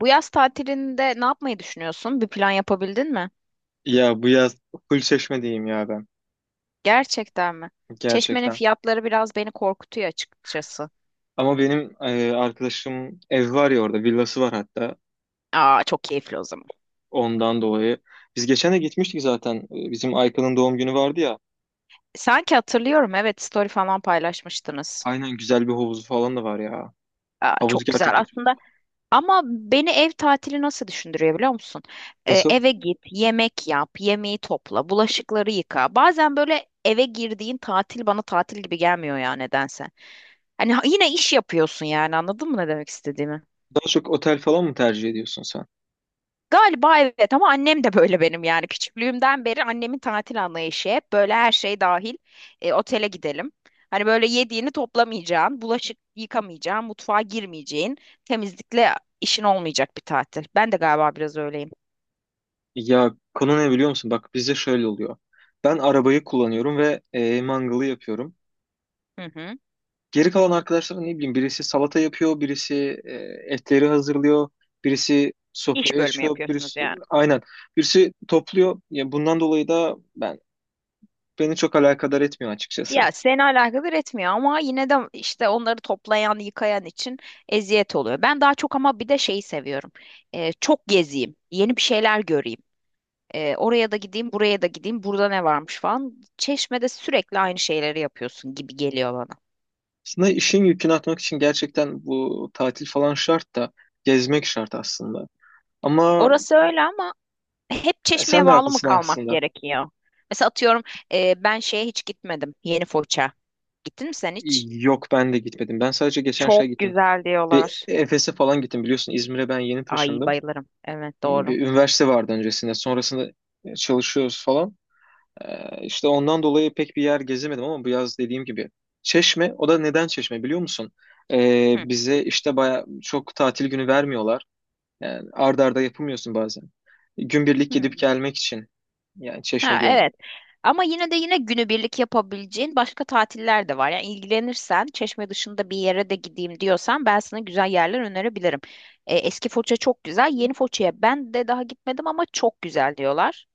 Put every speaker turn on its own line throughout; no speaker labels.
Bu yaz tatilinde ne yapmayı düşünüyorsun? Bir plan yapabildin mi?
Ya bu yaz full Çeşme diyeyim ya ben
Gerçekten mi? Çeşme'nin
gerçekten.
fiyatları biraz beni korkutuyor açıkçası.
Ama benim arkadaşım ev var ya, orada villası var hatta
Aa, çok keyifli o zaman.
ondan dolayı. Biz geçen de gitmiştik zaten. Bizim Aykan'ın doğum günü vardı ya.
Sanki hatırlıyorum, evet, story falan paylaşmıştınız.
Aynen, güzel bir havuzu falan da var ya.
Aa,
Havuz
çok güzel
gerçekten
aslında.
çok.
Ama beni ev tatili nasıl düşündürüyor biliyor musun?
Nasıl?
Eve git, yemek yap, yemeği topla, bulaşıkları yıka. Bazen böyle eve girdiğin tatil bana tatil gibi gelmiyor ya nedense. Hani yine iş yapıyorsun yani anladın mı ne demek istediğimi?
Daha çok otel falan mı tercih ediyorsun sen?
Galiba evet ama annem de böyle benim yani küçüklüğümden beri annemin tatil anlayışı hep böyle her şey dahil otele gidelim. Hani böyle yediğini toplamayacağın, bulaşık yıkamayacağın, mutfağa girmeyeceğin, temizlikle işin olmayacak bir tatil. Ben de galiba biraz öyleyim.
Ya konu ne biliyor musun? Bak bizde şöyle oluyor. Ben arabayı kullanıyorum ve mangalı yapıyorum.
Hı hı.
Geri kalan arkadaşlar ne bileyim, birisi salata yapıyor, birisi e, etleri hazırlıyor, birisi
İş
sofrayı
bölümü
açıyor,
yapıyorsunuz
birisi
yani.
aynen, birisi topluyor. Ya bundan dolayı da beni çok alakadar etmiyor açıkçası.
Ya seni alakadar etmiyor ama yine de işte onları toplayan, yıkayan için eziyet oluyor. Ben daha çok ama bir de şeyi seviyorum. Çok gezeyim, yeni bir şeyler göreyim. Oraya da gideyim, buraya da gideyim, burada ne varmış falan. Çeşme'de sürekli aynı şeyleri yapıyorsun gibi geliyor bana.
Aslında işin yükünü atmak için gerçekten bu tatil falan şart da, gezmek şart aslında. Ama
Orası öyle ama hep Çeşme'ye
sen de
bağlı mı
haklısın
kalmak
aslında.
gerekiyor? Mesela atıyorum, ben şeye hiç gitmedim. Yeni Foça. Gittin mi sen hiç?
Yok, ben de gitmedim. Ben sadece geçen şey
Çok
gittim.
güzel
Bir
diyorlar.
Efes'e falan gittim, biliyorsun İzmir'e ben yeni
Ay,
taşındım.
bayılırım. Evet, doğru.
Bir üniversite vardı öncesinde. Sonrasında çalışıyoruz falan. İşte ondan dolayı pek bir yer gezemedim ama bu yaz dediğim gibi. Çeşme, o da neden Çeşme biliyor musun?
Hı.
Bize işte baya çok tatil günü vermiyorlar. Yani ard arda yapamıyorsun bazen. Günbirlik
Hı.
gidip gelmek için. Yani Çeşme
Ha,
diyorum.
evet. Ama yine de yine günübirlik yapabileceğin başka tatiller de var. Yani ilgilenirsen, Çeşme dışında bir yere de gideyim diyorsan ben sana güzel yerler önerebilirim. Eski Foça çok güzel. Yeni Foça'ya ben de daha gitmedim ama çok güzel diyorlar.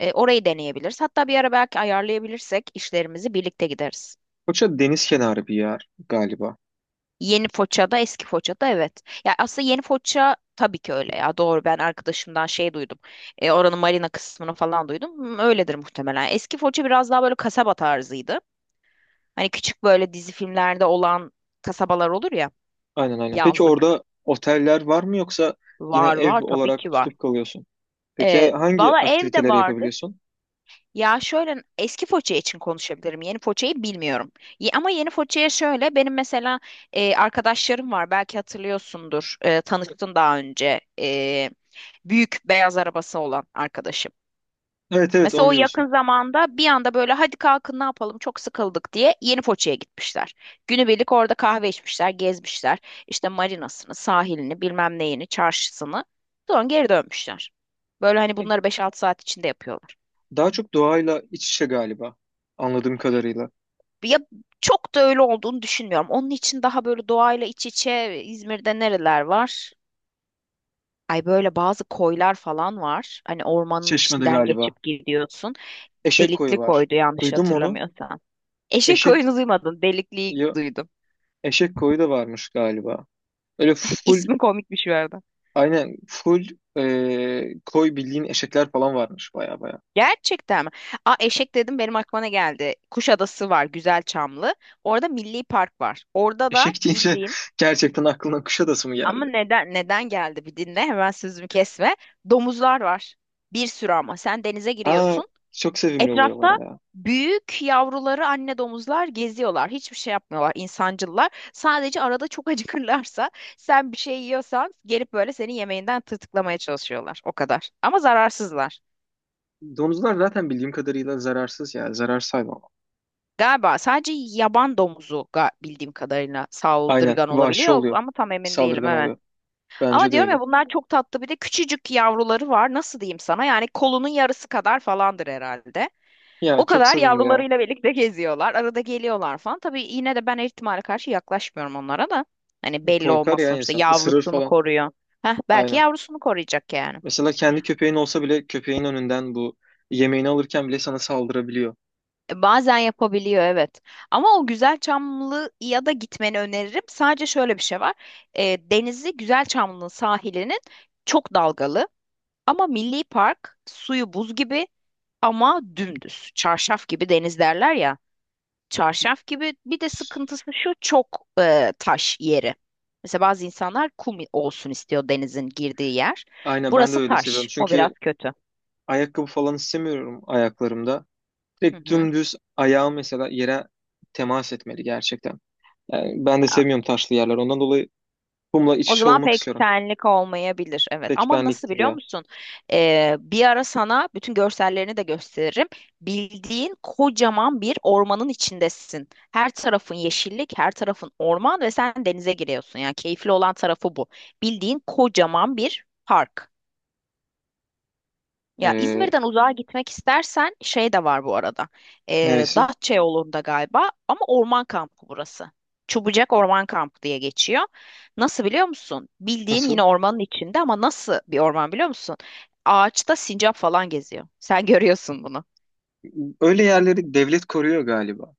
Orayı deneyebiliriz. Hatta bir ara belki ayarlayabilirsek işlerimizi birlikte gideriz.
Foça deniz kenarı bir yer galiba.
Yeni Foça'da, eski Foça'da evet. Ya aslında Yeni Foça tabii ki öyle ya. Doğru, ben arkadaşımdan şey duydum. Oranın marina kısmını falan duydum. Öyledir muhtemelen. Eski Foça biraz daha böyle kasaba tarzıydı. Hani küçük böyle dizi filmlerde olan kasabalar olur ya,
Aynen, aynen. Peki
yazlık.
orada oteller var mı, yoksa yine
Var var
ev
tabii
olarak
ki var.
tutup kalıyorsun? Peki
Ee,
hangi
Valla ev de
aktiviteleri
vardır.
yapabiliyorsun?
Ya şöyle eski Foça için konuşabilirim. Yeni Foça'yı bilmiyorum. Ama yeni Foça'ya şöyle benim mesela arkadaşlarım var. Belki hatırlıyorsundur. Tanıştın daha önce. Büyük beyaz arabası olan arkadaşım.
Evet, evet,
Mesela
onu
o yakın
diyorsun.
zamanda bir anda böyle hadi kalkın ne yapalım çok sıkıldık diye yeni Foça'ya gitmişler. Günübirlik orada kahve içmişler, gezmişler. İşte marinasını, sahilini, bilmem neyini, çarşısını. Sonra geri dönmüşler. Böyle hani bunları 5 6 saat içinde yapıyorlar.
Daha çok doğayla iç içe galiba, anladığım kadarıyla.
Ya çok da öyle olduğunu düşünmüyorum. Onun için daha böyle doğayla iç içe İzmir'de nereler var? Ay böyle bazı koylar falan var. Hani ormanın
Çeşme'de
içinden
galiba.
geçip gidiyorsun.
Eşek koyu
Delikli
var.
koydu yanlış
Duydum onu.
hatırlamıyorsam. Eşek
Eşek
oyunu duymadın, delikliyi
ya-
duydum.
eşek koyu da varmış galiba. Öyle full,
İsmi komikmiş bir arada.
aynen full, koy bildiğin, eşekler falan varmış baya baya.
Gerçekten mi? Aa, eşek dedim benim aklıma ne geldi? Kuşadası var. Güzelçamlı. Orada Milli Park var. Orada da
Eşek deyince
bildiğin
gerçekten aklına Kuşadası mı
ama
geldi?
neden neden geldi, bir dinle. Hemen sözümü kesme. Domuzlar var. Bir sürü ama. Sen denize
Aa,
giriyorsun.
çok sevimli
Etrafta
oluyorlar ya.
büyük yavruları anne domuzlar geziyorlar. Hiçbir şey yapmıyorlar, insancıllar. Sadece arada çok acıkırlarsa sen bir şey yiyorsan gelip böyle senin yemeğinden tırtıklamaya çalışıyorlar. O kadar. Ama zararsızlar.
Domuzlar zaten bildiğim kadarıyla zararsız ya. Zararsız hayvan.
Galiba sadece yaban domuzu bildiğim kadarıyla
Aynen,
saldırgan
vahşi
olabiliyor
oluyor.
ama tam emin değilim,
Saldırgan
evet.
oluyor.
Ama
Bence de
diyorum
öyle.
ya bunlar çok tatlı, bir de küçücük yavruları var. Nasıl diyeyim sana? Yani kolunun yarısı kadar falandır herhalde.
Ya
O
çok
kadar
sevimli ya.
yavrularıyla birlikte geziyorlar. Arada geliyorlar falan. Tabii yine de ben her ihtimale karşı yaklaşmıyorum onlara da. Hani belli
Korkar
olmaz,
ya
sonuçta
insan. Isırır
yavrusunu
falan.
koruyor. Heh, belki
Aynen.
yavrusunu koruyacak yani.
Mesela kendi köpeğin olsa bile, köpeğin önünden bu yemeğini alırken bile sana saldırabiliyor.
Bazen yapabiliyor, evet. Ama o güzel çamlı ya da gitmeni öneririm. Sadece şöyle bir şey var. Denizi güzel Çamlı'nın sahilinin çok dalgalı. Ama Milli Park suyu buz gibi ama dümdüz. Çarşaf gibi deniz derler ya. Çarşaf gibi. Bir de sıkıntısı şu, çok taş yeri. Mesela bazı insanlar kum olsun istiyor denizin girdiği yer.
Aynen, ben de
Burası
öyle seviyorum.
taş. O biraz
Çünkü
kötü.
ayakkabı falan istemiyorum ayaklarımda.
Hı
Direkt
hı.
dümdüz ayağım mesela yere temas etmeli gerçekten. Yani ben de
A-
sevmiyorum taşlı yerler. Ondan dolayı kumla iç
O
içe
zaman
olmak
pek
istiyorum.
senlik olmayabilir. Evet.
Pek
Ama nasıl
benlik değil
biliyor
ya.
musun? Bir ara sana bütün görsellerini de gösteririm. Bildiğin kocaman bir ormanın içindesin. Her tarafın yeşillik, her tarafın orman ve sen denize giriyorsun. Yani keyifli olan tarafı bu. Bildiğin kocaman bir park. Ya
Ee,
İzmir'den uzağa gitmek istersen şey de var bu arada.
Neresi?
Datça yolunda galiba ama orman kampı burası. Çubucak Orman Kampı diye geçiyor. Nasıl biliyor musun? Bildiğin
Nasıl?
yine ormanın içinde ama nasıl bir orman biliyor musun? Ağaçta sincap falan geziyor. Sen görüyorsun bunu.
Öyle yerleri devlet koruyor galiba.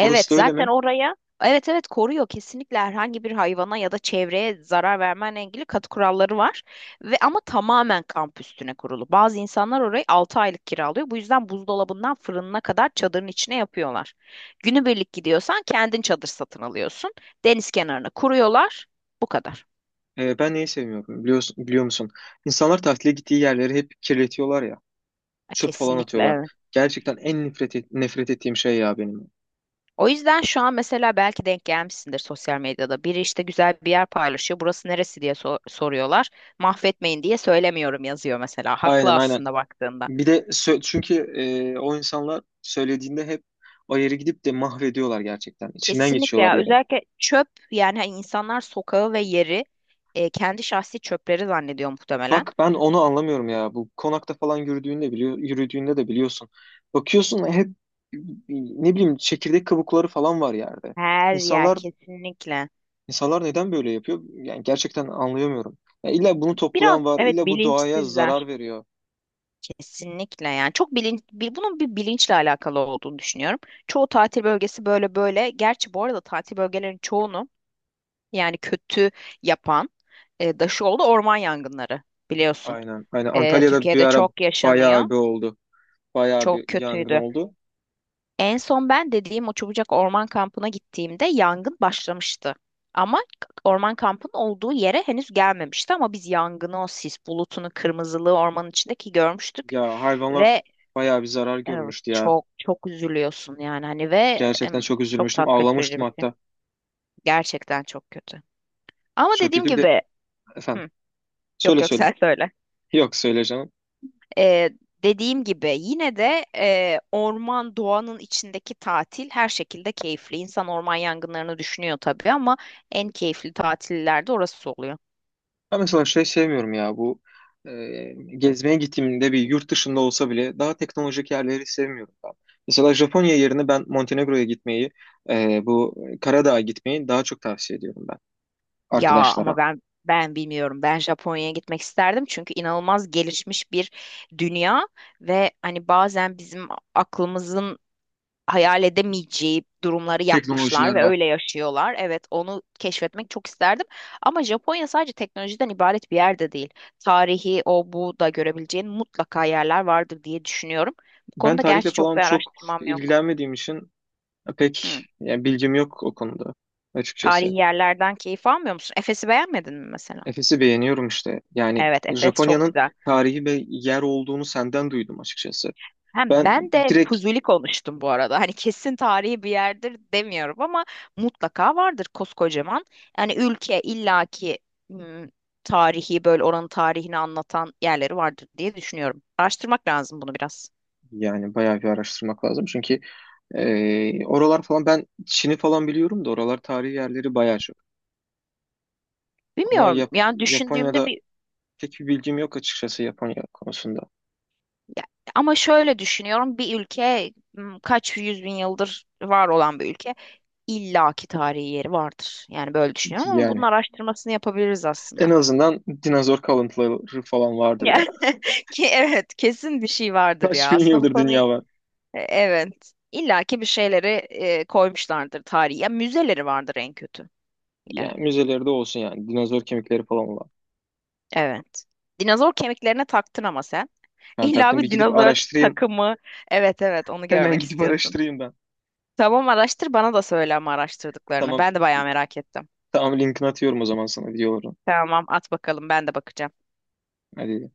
Orası da öyle
zaten
mi?
oraya evet evet koruyor, kesinlikle. Herhangi bir hayvana ya da çevreye zarar vermenle ilgili katı kuralları var ve ama tamamen kamp üstüne kurulu. Bazı insanlar orayı 6 aylık kiralıyor. Bu yüzden buzdolabından fırınına kadar çadırın içine yapıyorlar. Günübirlik gidiyorsan kendin çadır satın alıyorsun. Deniz kenarına kuruyorlar. Bu kadar.
Ben neyi sevmiyorum biliyorsun, biliyor musun? İnsanlar tatile gittiği yerleri hep kirletiyorlar ya.
Ha,
Çöp falan
kesinlikle
atıyorlar.
evet.
Gerçekten en nefret, nefret ettiğim şey ya benim.
O yüzden şu an mesela belki denk gelmişsindir sosyal medyada. Biri işte güzel bir yer paylaşıyor. Burası neresi diye soruyorlar. Mahvetmeyin diye söylemiyorum yazıyor mesela. Haklı
Aynen, aynen.
aslında baktığında.
Bir de çünkü o insanlar söylediğinde hep o yeri gidip de mahvediyorlar gerçekten. İçinden
Kesinlikle
geçiyorlar
ya.
yere.
Özellikle çöp, yani hani insanlar sokağı ve yeri kendi şahsi çöpleri zannediyor muhtemelen.
Bak ben onu anlamıyorum ya. Bu konakta falan yürüdüğünde biliyor, yürüdüğünde de biliyorsun. Bakıyorsun hep ne bileyim çekirdek kabukları falan var yerde.
Her yer
İnsanlar
kesinlikle.
insanlar neden böyle yapıyor? Yani gerçekten anlayamıyorum. Ya illa bunu
Biraz
toplayan var,
evet,
illa bu doğaya
bilinçsizler.
zarar veriyor.
Kesinlikle, yani çok bunun bir bilinçle alakalı olduğunu düşünüyorum. Çoğu tatil bölgesi böyle böyle. Gerçi bu arada tatil bölgelerinin çoğunu yani kötü yapan da şu oldu, orman yangınları biliyorsun.
Aynen. Aynen. Antalya'da bir
Türkiye'de
ara
çok yaşanıyor.
bayağı bir oldu. Bayağı bir
Çok
yangın
kötüydü.
oldu.
En son ben dediğim o Çubucak Orman Kampı'na gittiğimde yangın başlamıştı. Ama orman kampının olduğu yere henüz gelmemişti ama biz yangını, o sis bulutunu, kırmızılığı ormanın içindeki görmüştük.
Ya hayvanlar
Ve
bayağı bir zarar
evet,
görmüştü ya.
çok çok üzülüyorsun yani hani ve
Gerçekten çok
çok
üzülmüştüm.
tat kaçırıcı
Ağlamıştım
bir şey.
hatta.
Gerçekten çok kötü. Ama
Çok
dediğim
kötü. Bir de
gibi.
efendim.
Hı, yok
Söyle
yok
söyle.
sen söyle.
Yok, söyle canım.
Ee, Dediğim gibi yine de orman doğanın içindeki tatil her şekilde keyifli. İnsan orman yangınlarını düşünüyor tabii ama en keyifli tatillerde orası oluyor.
Ben mesela şey sevmiyorum ya, bu e, gezmeye gittiğimde bir yurt dışında olsa bile daha teknolojik yerleri sevmiyorum ben. Mesela Japonya yerine ben Montenegro'ya gitmeyi, e, bu Karadağ'a gitmeyi daha çok tavsiye ediyorum ben
Ya ama
arkadaşlara.
ben bilmiyorum. Ben Japonya'ya gitmek isterdim çünkü inanılmaz gelişmiş bir dünya ve hani bazen bizim aklımızın hayal edemeyeceği durumları yapmışlar
Teknolojiler
ve
var.
öyle yaşıyorlar. Evet, onu keşfetmek çok isterdim. Ama Japonya sadece teknolojiden ibaret bir yerde değil. Tarihi, o bu da görebileceğin mutlaka yerler vardır diye düşünüyorum. Bu
Ben
konuda
tarihle
gerçi çok
falan
bir
çok
araştırmam yok.
ilgilenmediğim için pek
Hı.
yani bilgim yok o konuda açıkçası.
Tarihi yerlerden keyif almıyor musun? Efes'i beğenmedin mi mesela?
Efes'i beğeniyorum işte. Yani
Evet, Efes çok
Japonya'nın
güzel.
tarihi ve yer olduğunu senden duydum açıkçası.
Hem
Ben
ben de
direkt,
Fuzuli konuştum bu arada. Hani kesin tarihi bir yerdir demiyorum ama mutlaka vardır koskocaman. Yani ülke illaki ım, tarihi böyle oranın tarihini anlatan yerleri vardır diye düşünüyorum. Araştırmak lazım bunu biraz.
yani bayağı bir araştırmak lazım. Çünkü oralar falan, ben Çin'i falan biliyorum da, oralar tarihi yerleri bayağı çok. Ama
Bilmiyorum yani
Japonya'da
düşündüğümde bir
pek bir bilgim yok açıkçası, Japonya konusunda.
ya- ama şöyle düşünüyorum bir ülke kaç yüz bin yıldır var olan bir ülke illaki tarihi yeri vardır. Yani böyle düşünüyorum ama bunun
Yani
araştırmasını yapabiliriz
en
aslında.
azından dinozor kalıntıları falan vardır
Ya,
ya.
ki evet kesin bir şey vardır
Kaç
ya.
bin
Aslında bu
yıldır
konuyu,
dünya var.
Evet illa ki bir şeyleri koymuşlardır tarihi. Ya müzeleri vardır en kötü. Yani,
Yani müzelerde olsun yani. Dinozor kemikleri falan var.
evet. Dinozor kemiklerine taktın ama sen.
Ben
İlla
taktım, bir
bir
gidip
dinozor
araştırayım.
takımı. Evet evet onu
Hemen
görmek
gidip
istiyorsun.
araştırayım ben.
Tamam, araştır bana da söyle ama araştırdıklarını.
Tamam.
Ben de bayağı merak ettim.
Tamam, linkini atıyorum o zaman sana videoları.
Tamam, at bakalım, ben de bakacağım.
Hadi